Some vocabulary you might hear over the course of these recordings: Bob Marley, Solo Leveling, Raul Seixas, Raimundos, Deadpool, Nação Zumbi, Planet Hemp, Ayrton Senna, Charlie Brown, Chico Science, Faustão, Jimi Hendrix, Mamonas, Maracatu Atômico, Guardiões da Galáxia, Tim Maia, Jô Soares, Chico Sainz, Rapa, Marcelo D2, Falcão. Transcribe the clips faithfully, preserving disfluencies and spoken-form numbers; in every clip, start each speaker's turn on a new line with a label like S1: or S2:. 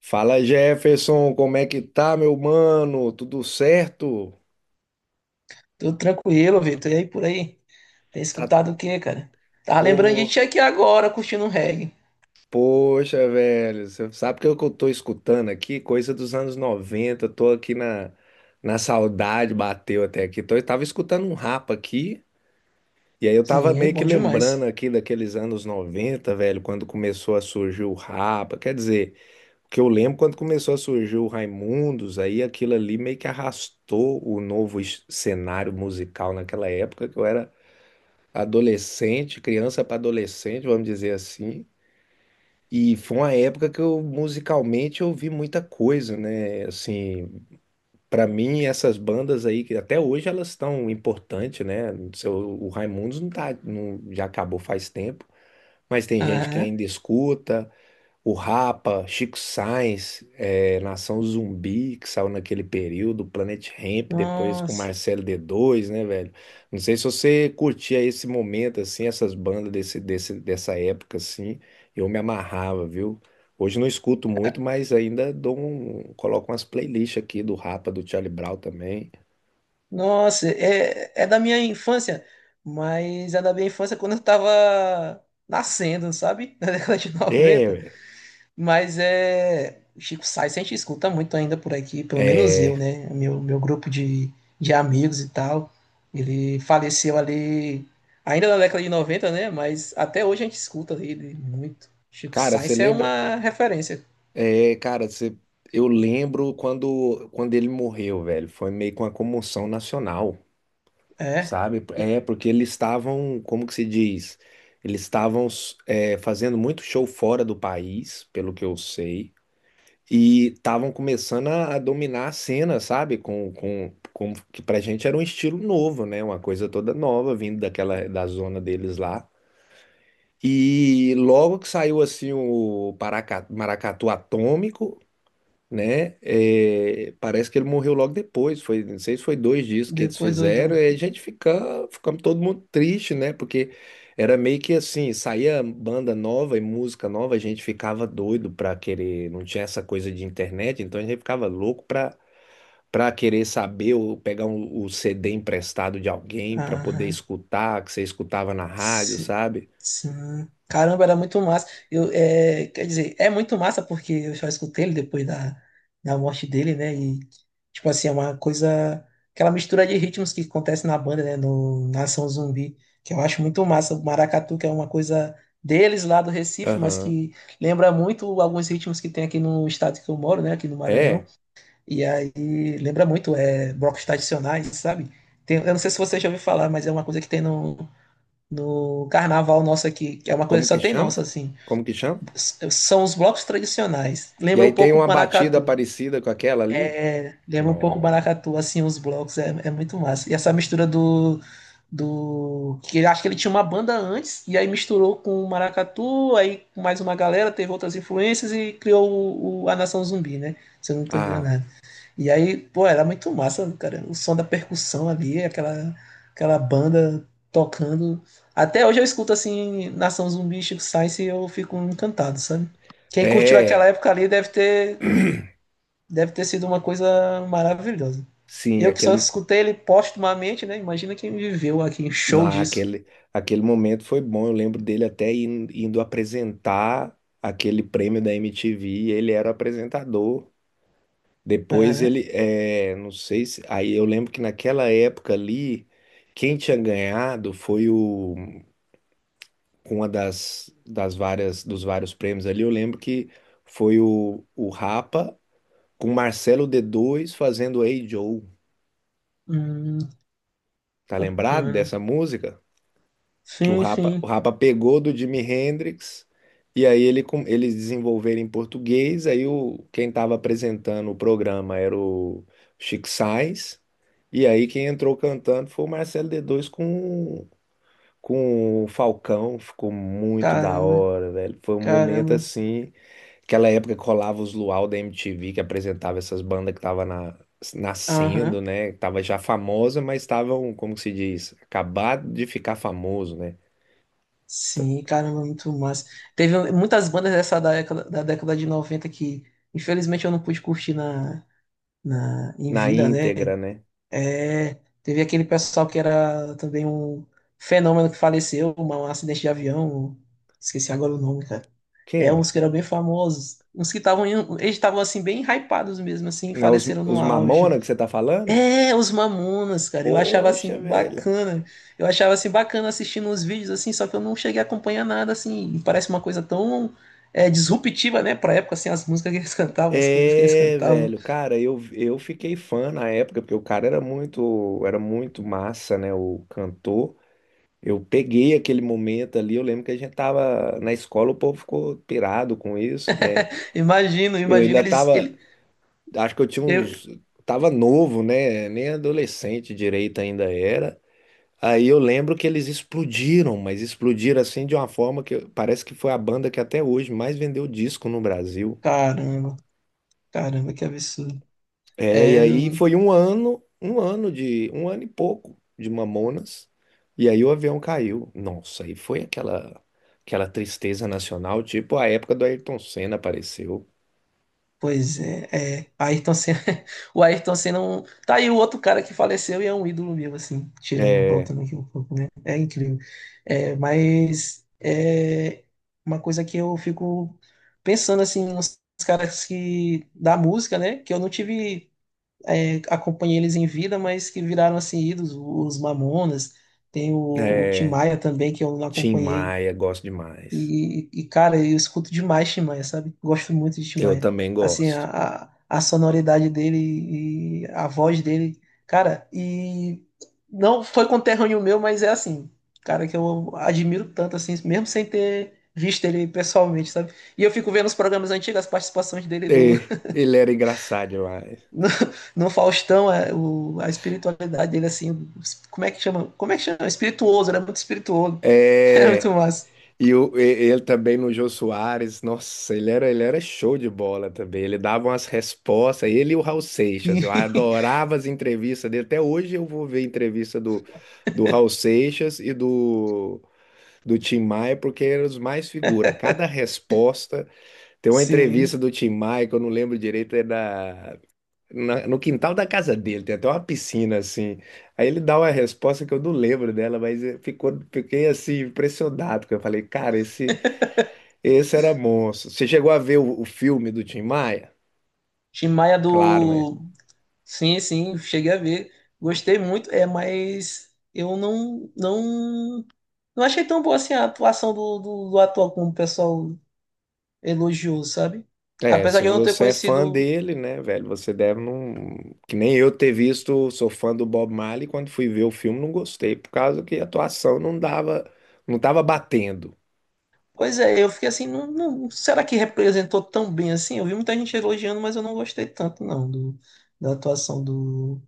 S1: Fala, Jefferson, como é que tá, meu mano? Tudo certo?
S2: Tudo tranquilo, Vitor. E aí por aí? Tem
S1: Tá,
S2: escutado o quê, cara? Tava lembrando de
S1: pô,
S2: ti aqui agora, curtindo um reggae.
S1: poxa, velho, você sabe que eu que eu tô escutando aqui? Coisa dos anos noventa? Tô aqui na, na saudade, bateu até aqui. Tô, eu tava escutando um rapa aqui, e aí eu tava
S2: Sim,
S1: meio que
S2: bom
S1: lembrando
S2: demais.
S1: aqui daqueles anos noventa, velho, quando começou a surgir o rapa, quer dizer, o que eu lembro quando começou a surgir o Raimundos, aí aquilo ali meio que arrastou o novo es- cenário musical naquela época, que eu era adolescente, criança para adolescente, vamos dizer assim. E foi uma época que eu musicalmente ouvi muita coisa, né? Assim, para mim essas bandas aí que até hoje elas estão importantes, né? Seu- O Raimundos não tá, não- já acabou faz tempo, mas tem gente que
S2: Aham.
S1: ainda escuta. O Rapa, Chico Sainz, eh, Nação Zumbi, que saiu naquele período, Planet Hemp, depois com
S2: Nossa,
S1: Marcelo D dois, né, velho? Não sei se você curtia esse momento, assim, essas bandas desse, desse, dessa época, assim, eu me amarrava, viu? Hoje não escuto muito, mas ainda dou um, coloco umas playlists aqui do Rapa, do Charlie Brown também.
S2: nossa, é, é da minha infância, mas é da minha infância quando eu tava nascendo, sabe? Na década de
S1: É,
S2: noventa.
S1: ué.
S2: Mas é. O Chico Science a gente escuta muito ainda por aqui, pelo menos eu,
S1: É,
S2: né? Meu, meu grupo de, de amigos e tal. Ele faleceu ali, ainda na década de noventa, né? Mas até hoje a gente escuta ele muito. Chico
S1: cara, você
S2: Science é
S1: lembra?
S2: uma referência.
S1: É, cara, você- eu lembro quando, quando ele morreu, velho. Foi meio que uma comoção nacional,
S2: É.
S1: sabe?
S2: E
S1: É, porque eles estavam, como que se diz? Eles estavam é, fazendo muito show fora do país, pelo que eu sei, e estavam começando a, a dominar a cena, sabe? Com, com, com que pra gente era um estilo novo, né? Uma coisa toda nova, vindo daquela da zona deles lá. E logo que saiu assim o Paraca- Maracatu Atômico, né? É, parece que ele morreu logo depois, foi, não sei se foi dois dias que eles
S2: Depois do.
S1: fizeram,
S2: do...
S1: e a gente fica, ficamos todo mundo triste, né? Porque era meio que assim, saía banda nova e música nova, a gente ficava doido pra querer, não tinha essa coisa de internet, então a gente ficava louco pra para querer saber ou pegar um- o C D emprestado de alguém pra poder
S2: Aham.
S1: escutar, que você escutava na rádio,
S2: Si-
S1: sabe?
S2: Sim. Caramba, era muito massa. Eu, é, quer dizer, é muito massa porque eu só escutei ele depois da, da morte dele, né? E, tipo assim, é uma coisa. Aquela mistura de ritmos que acontece na banda, né? No Nação Zumbi, que eu acho muito massa. O maracatu, que é uma coisa deles lá do Recife, mas
S1: Aham.
S2: que lembra muito alguns ritmos que tem aqui no estado que eu moro, né? Aqui no Maranhão.
S1: É,
S2: E aí lembra muito, é, blocos tradicionais, sabe? Tem- eu não sei se você já ouviu falar, mas é uma coisa que tem no no carnaval nosso aqui, que é uma coisa
S1: como
S2: que só
S1: que
S2: tem
S1: chama?
S2: nossa, assim.
S1: Como que chama?
S2: São os blocos tradicionais.
S1: E
S2: Lembra
S1: aí
S2: um
S1: tem
S2: pouco o
S1: uma batida
S2: maracatu.
S1: parecida com aquela ali?
S2: É, lembra um pouco o
S1: Não.
S2: maracatu, assim, os blocos. É, é muito massa. E essa mistura do. do que acho que ele tinha uma banda antes, e aí misturou com o maracatu, aí com mais uma galera, teve outras influências e criou o, o- a Nação Zumbi, né? Se eu não estou
S1: Ah,
S2: enganado. E aí, pô, era muito massa, cara. O som da percussão ali, aquela, aquela banda tocando. Até hoje eu escuto assim, Nação Zumbi e Chico Science e eu fico encantado, sabe? Quem curtiu aquela
S1: é,
S2: época ali deve ter, deve ter sido uma coisa maravilhosa.
S1: sim,
S2: Eu que só
S1: aquele,
S2: escutei ele postumamente, né? Imagina quem viveu aqui, show
S1: na,
S2: disso.
S1: aquele, aquele momento foi bom. Eu lembro dele até in- indo apresentar aquele prêmio da M T V. E ele era o apresentador. Depois
S2: Aham.
S1: ele, é, não sei se. Aí eu lembro que naquela época ali, quem tinha ganhado foi o, uma das, das várias, dos vários prêmios ali. Eu lembro que foi o, o Rapa com Marcelo d dois fazendo Hey Joe.
S2: Hum,
S1: Tá lembrado
S2: bacana.
S1: dessa música? Que o
S2: Sim,
S1: Rapa, o
S2: sim.
S1: Rapa pegou do Jimi Hendrix e aí ele com- eles desenvolveram em português, aí o quem estava apresentando o programa era o Chico Sainz, e aí quem entrou cantando foi o Marcelo D dois com com o Falcão, ficou muito da
S2: Caramba,
S1: hora, velho. Foi um momento
S2: caramba.
S1: assim, aquela época que rolava os Luau da M T V que apresentava essas bandas que tava na nascendo,
S2: Aham.
S1: né? Que tava já famosa, mas estavam, como que se diz, acabado de ficar famoso, né?
S2: Sim, caramba, muito massa. Teve muitas bandas dessa década, da década de noventa que, infelizmente, eu não pude curtir na, na, em
S1: Na
S2: vida, né?
S1: íntegra, né?
S2: É, teve aquele pessoal que era também um fenômeno que faleceu, uma- um acidente de avião, esqueci agora o nome, cara. É, uns
S1: Quem?
S2: que eram bem famosos, uns que estavam, em- eles estavam, assim, bem hypados mesmo, assim,
S1: Né, Os,
S2: faleceram no
S1: os Mamona
S2: auge.
S1: que você tá falando?
S2: É, os Mamonas, cara. Eu achava assim
S1: Poxa, velho.
S2: bacana. Eu achava assim bacana assistindo os vídeos assim, só que eu não cheguei a acompanhar nada assim. E parece uma coisa tão é, disruptiva, né, pra época assim, as músicas que eles cantavam, as coisas que eles
S1: É,
S2: cantavam.
S1: velho, cara, eu, eu fiquei fã na época, porque o cara era muito, era muito massa, né? O cantor. Eu peguei aquele momento ali, eu lembro que a gente tava na escola, o povo ficou pirado com isso, né?
S2: Imagino,
S1: Eu
S2: imagino
S1: ainda
S2: eles
S1: tava,
S2: ele
S1: acho que eu tinha
S2: eu,
S1: uns, tava novo, né? Nem adolescente direito ainda era. Aí eu lembro que eles explodiram, mas explodiram assim de uma forma que parece que foi a banda que até hoje mais vendeu disco no Brasil.
S2: caramba, caramba, que absurdo.
S1: É, e
S2: É.
S1: aí foi um ano, um ano de, um ano e pouco de Mamonas. E aí o avião caiu. Nossa, aí foi aquela aquela tristeza nacional, tipo a época do Ayrton Senna apareceu.
S2: Pois é, é. Ayrton Senna, o Ayrton Senna, é um- tá aí o outro cara que faleceu e é um ídolo meu, assim, tirando,
S1: É,
S2: voltando aqui um pouco, né? É incrível. É, mas é uma coisa que eu fico pensando, assim, nos caras que, da música, né? Que eu não tive, é, acompanhei eles em vida, mas que viraram, assim, ídolos, os Mamonas, tem o, o Tim
S1: é,
S2: Maia também, que eu não
S1: Tim
S2: acompanhei
S1: Maia, gosto demais.
S2: e, e, cara, eu escuto demais Tim Maia, sabe? Gosto muito de Tim
S1: Eu
S2: Maia.
S1: também
S2: Assim,
S1: gosto.
S2: a, a, a sonoridade dele e a voz dele. Cara, e não foi conterrâneo meu, mas é assim, cara, que eu admiro tanto, assim, mesmo sem ter visto ele pessoalmente, sabe? E eu fico vendo os programas antigos, as participações dele do,
S1: É, ele era engraçado demais.
S2: no, no Faustão, é, o, a espiritualidade dele, assim, como é que chama? Como é que chama? Espirituoso, ele é muito espirituoso. É muito
S1: É,
S2: massa.
S1: E o- e- ele também no Jô Soares, nossa, ele era, ele era show de bola também. Ele dava umas respostas, ele e o Raul Seixas.
S2: Sim,
S1: Eu adorava as entrevistas dele. Até hoje eu vou ver entrevista do, do Raul Seixas e do, do Tim Maia, porque eram os mais figura. Cada resposta. Tem uma entrevista
S2: sim.
S1: do Tim Maia que eu não lembro direito, é da, na- no quintal da casa dele, tem até uma piscina assim. Aí ele dá uma resposta que eu não lembro dela, mas eh, ficou, fiquei assim impressionado, porque eu falei, cara, esse. Esse era monstro. Você chegou a ver o, o filme do Tim Maia?
S2: Tim Maia
S1: Claro, né?
S2: do. Sim, sim, cheguei a ver. Gostei muito, é, mas eu não, não, não achei tão boa assim a atuação do, do, do ator como o pessoal elogiou, sabe?
S1: É,
S2: Apesar
S1: se
S2: de eu não ter
S1: você é fã
S2: conhecido.
S1: dele, né, velho, você deve não. Que nem eu ter visto, sou fã do Bob Marley, quando fui ver o filme não gostei, por causa que a atuação não dava, não tava batendo.
S2: Pois é, eu fiquei assim, não, não- será que representou tão bem assim? Eu vi muita gente elogiando, mas eu não gostei tanto, não, do, da atuação do,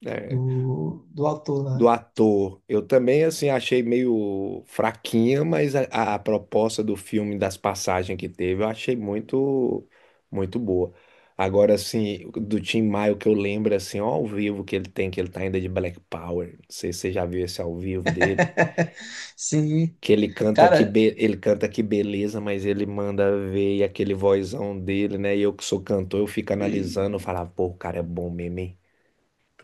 S1: Né?
S2: do, do ator
S1: Do
S2: lá.
S1: ator. Eu também assim achei meio fraquinha, mas a, a- a proposta do filme, das passagens que teve, eu achei muito muito boa. Agora assim, do Tim Maia o que eu lembro assim, ó, ao vivo que ele tem, que ele tá ainda de Black Power. Não sei se você já viu esse ao vivo dele,
S2: Sim,
S1: que ele canta que
S2: cara.
S1: be- ele canta que beleza, mas ele manda ver e aquele vozão dele, né? E eu que sou cantor, eu fico analisando, eu falava, pô, o cara é bom mesmo, hein?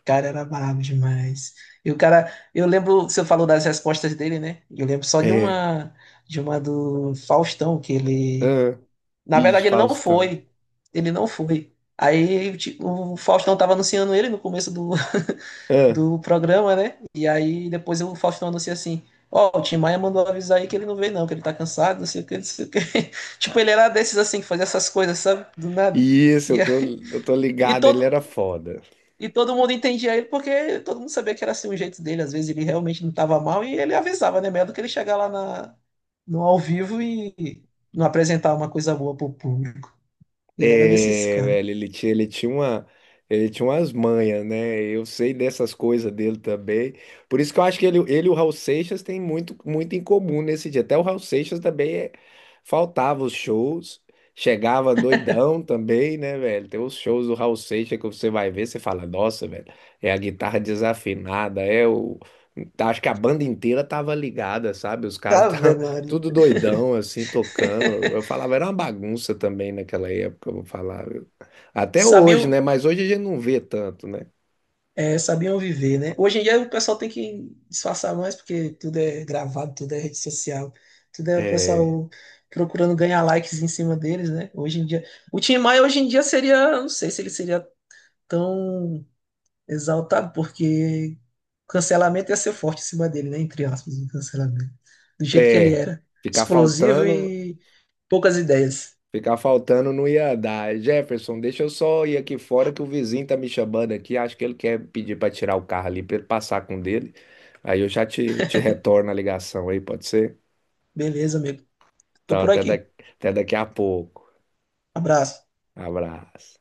S2: Cara, era brabo demais. E o cara, eu lembro, você falou das respostas dele, né? Eu lembro só de
S1: É.
S2: uma, de uma do Faustão, que ele,
S1: Ah,
S2: na
S1: ixi,
S2: verdade, ele não
S1: Faustão.
S2: foi. Ele não foi. Aí ti- o Faustão tava anunciando ele no começo do, do programa, né? E aí depois o Faustão anuncia assim: Ó, o Tim Maia mandou avisar aí que ele não veio, não, que ele tá cansado, não sei o que, não sei o que. Tipo, ele era desses assim, que fazia essas coisas, sabe? Do nada.
S1: Isso,
S2: E,
S1: eu tô,
S2: aí-
S1: eu tô
S2: e
S1: ligado, ele
S2: todo,
S1: era foda.
S2: e todo mundo entendia ele porque todo mundo sabia que era assim o jeito dele. Às vezes ele realmente não estava mal e ele avisava, né? Melhor do que ele chegar lá na, no ao vivo e não apresentar uma coisa boa pro público. Ele era desses
S1: É,
S2: caras.
S1: velho, ele tinha, ele tinha uma, ele tinha umas manhas, né? Eu sei dessas coisas dele também. Por isso que eu acho que ele, ele e o Raul Seixas têm muito, muito em comum nesse dia. Até o Raul Seixas também é- faltava os shows, chegava doidão também, né, velho? Tem os shows do Raul Seixas que você vai ver, você fala, nossa, velho, é a guitarra desafinada, é o. Tá, acho que a banda inteira tava ligada, sabe? Os caras
S2: Ave Maria.
S1: tudo doidão, assim, tocando. Eu falava, era uma bagunça também naquela época, eu vou falar. Até hoje,
S2: Sabiam,
S1: né? Mas hoje a gente não vê tanto, né?
S2: é, sabiam viver, né? Hoje em dia o pessoal tem que disfarçar mais porque tudo é gravado, tudo é rede social, tudo é o
S1: É,
S2: pessoal procurando ganhar likes em cima deles, né? Hoje em dia. O Tim Maia hoje em dia seria, não sei se ele seria tão exaltado, porque cancelamento ia ser forte em cima dele, né? Entre aspas, o cancelamento. Do jeito que ele
S1: é,
S2: era.
S1: ficar
S2: Explosivo
S1: faltando,
S2: e poucas ideias.
S1: ficar faltando não ia dar. Jefferson, deixa eu só ir aqui fora que o vizinho tá me chamando aqui. Acho que ele quer pedir para tirar o carro ali para ele passar com o dele. Aí eu já te, te retorno a ligação aí, pode ser?
S2: Beleza, amigo. Tô
S1: Então,
S2: por
S1: até da-
S2: aqui.
S1: até daqui a pouco.
S2: Abraço.
S1: Abraço.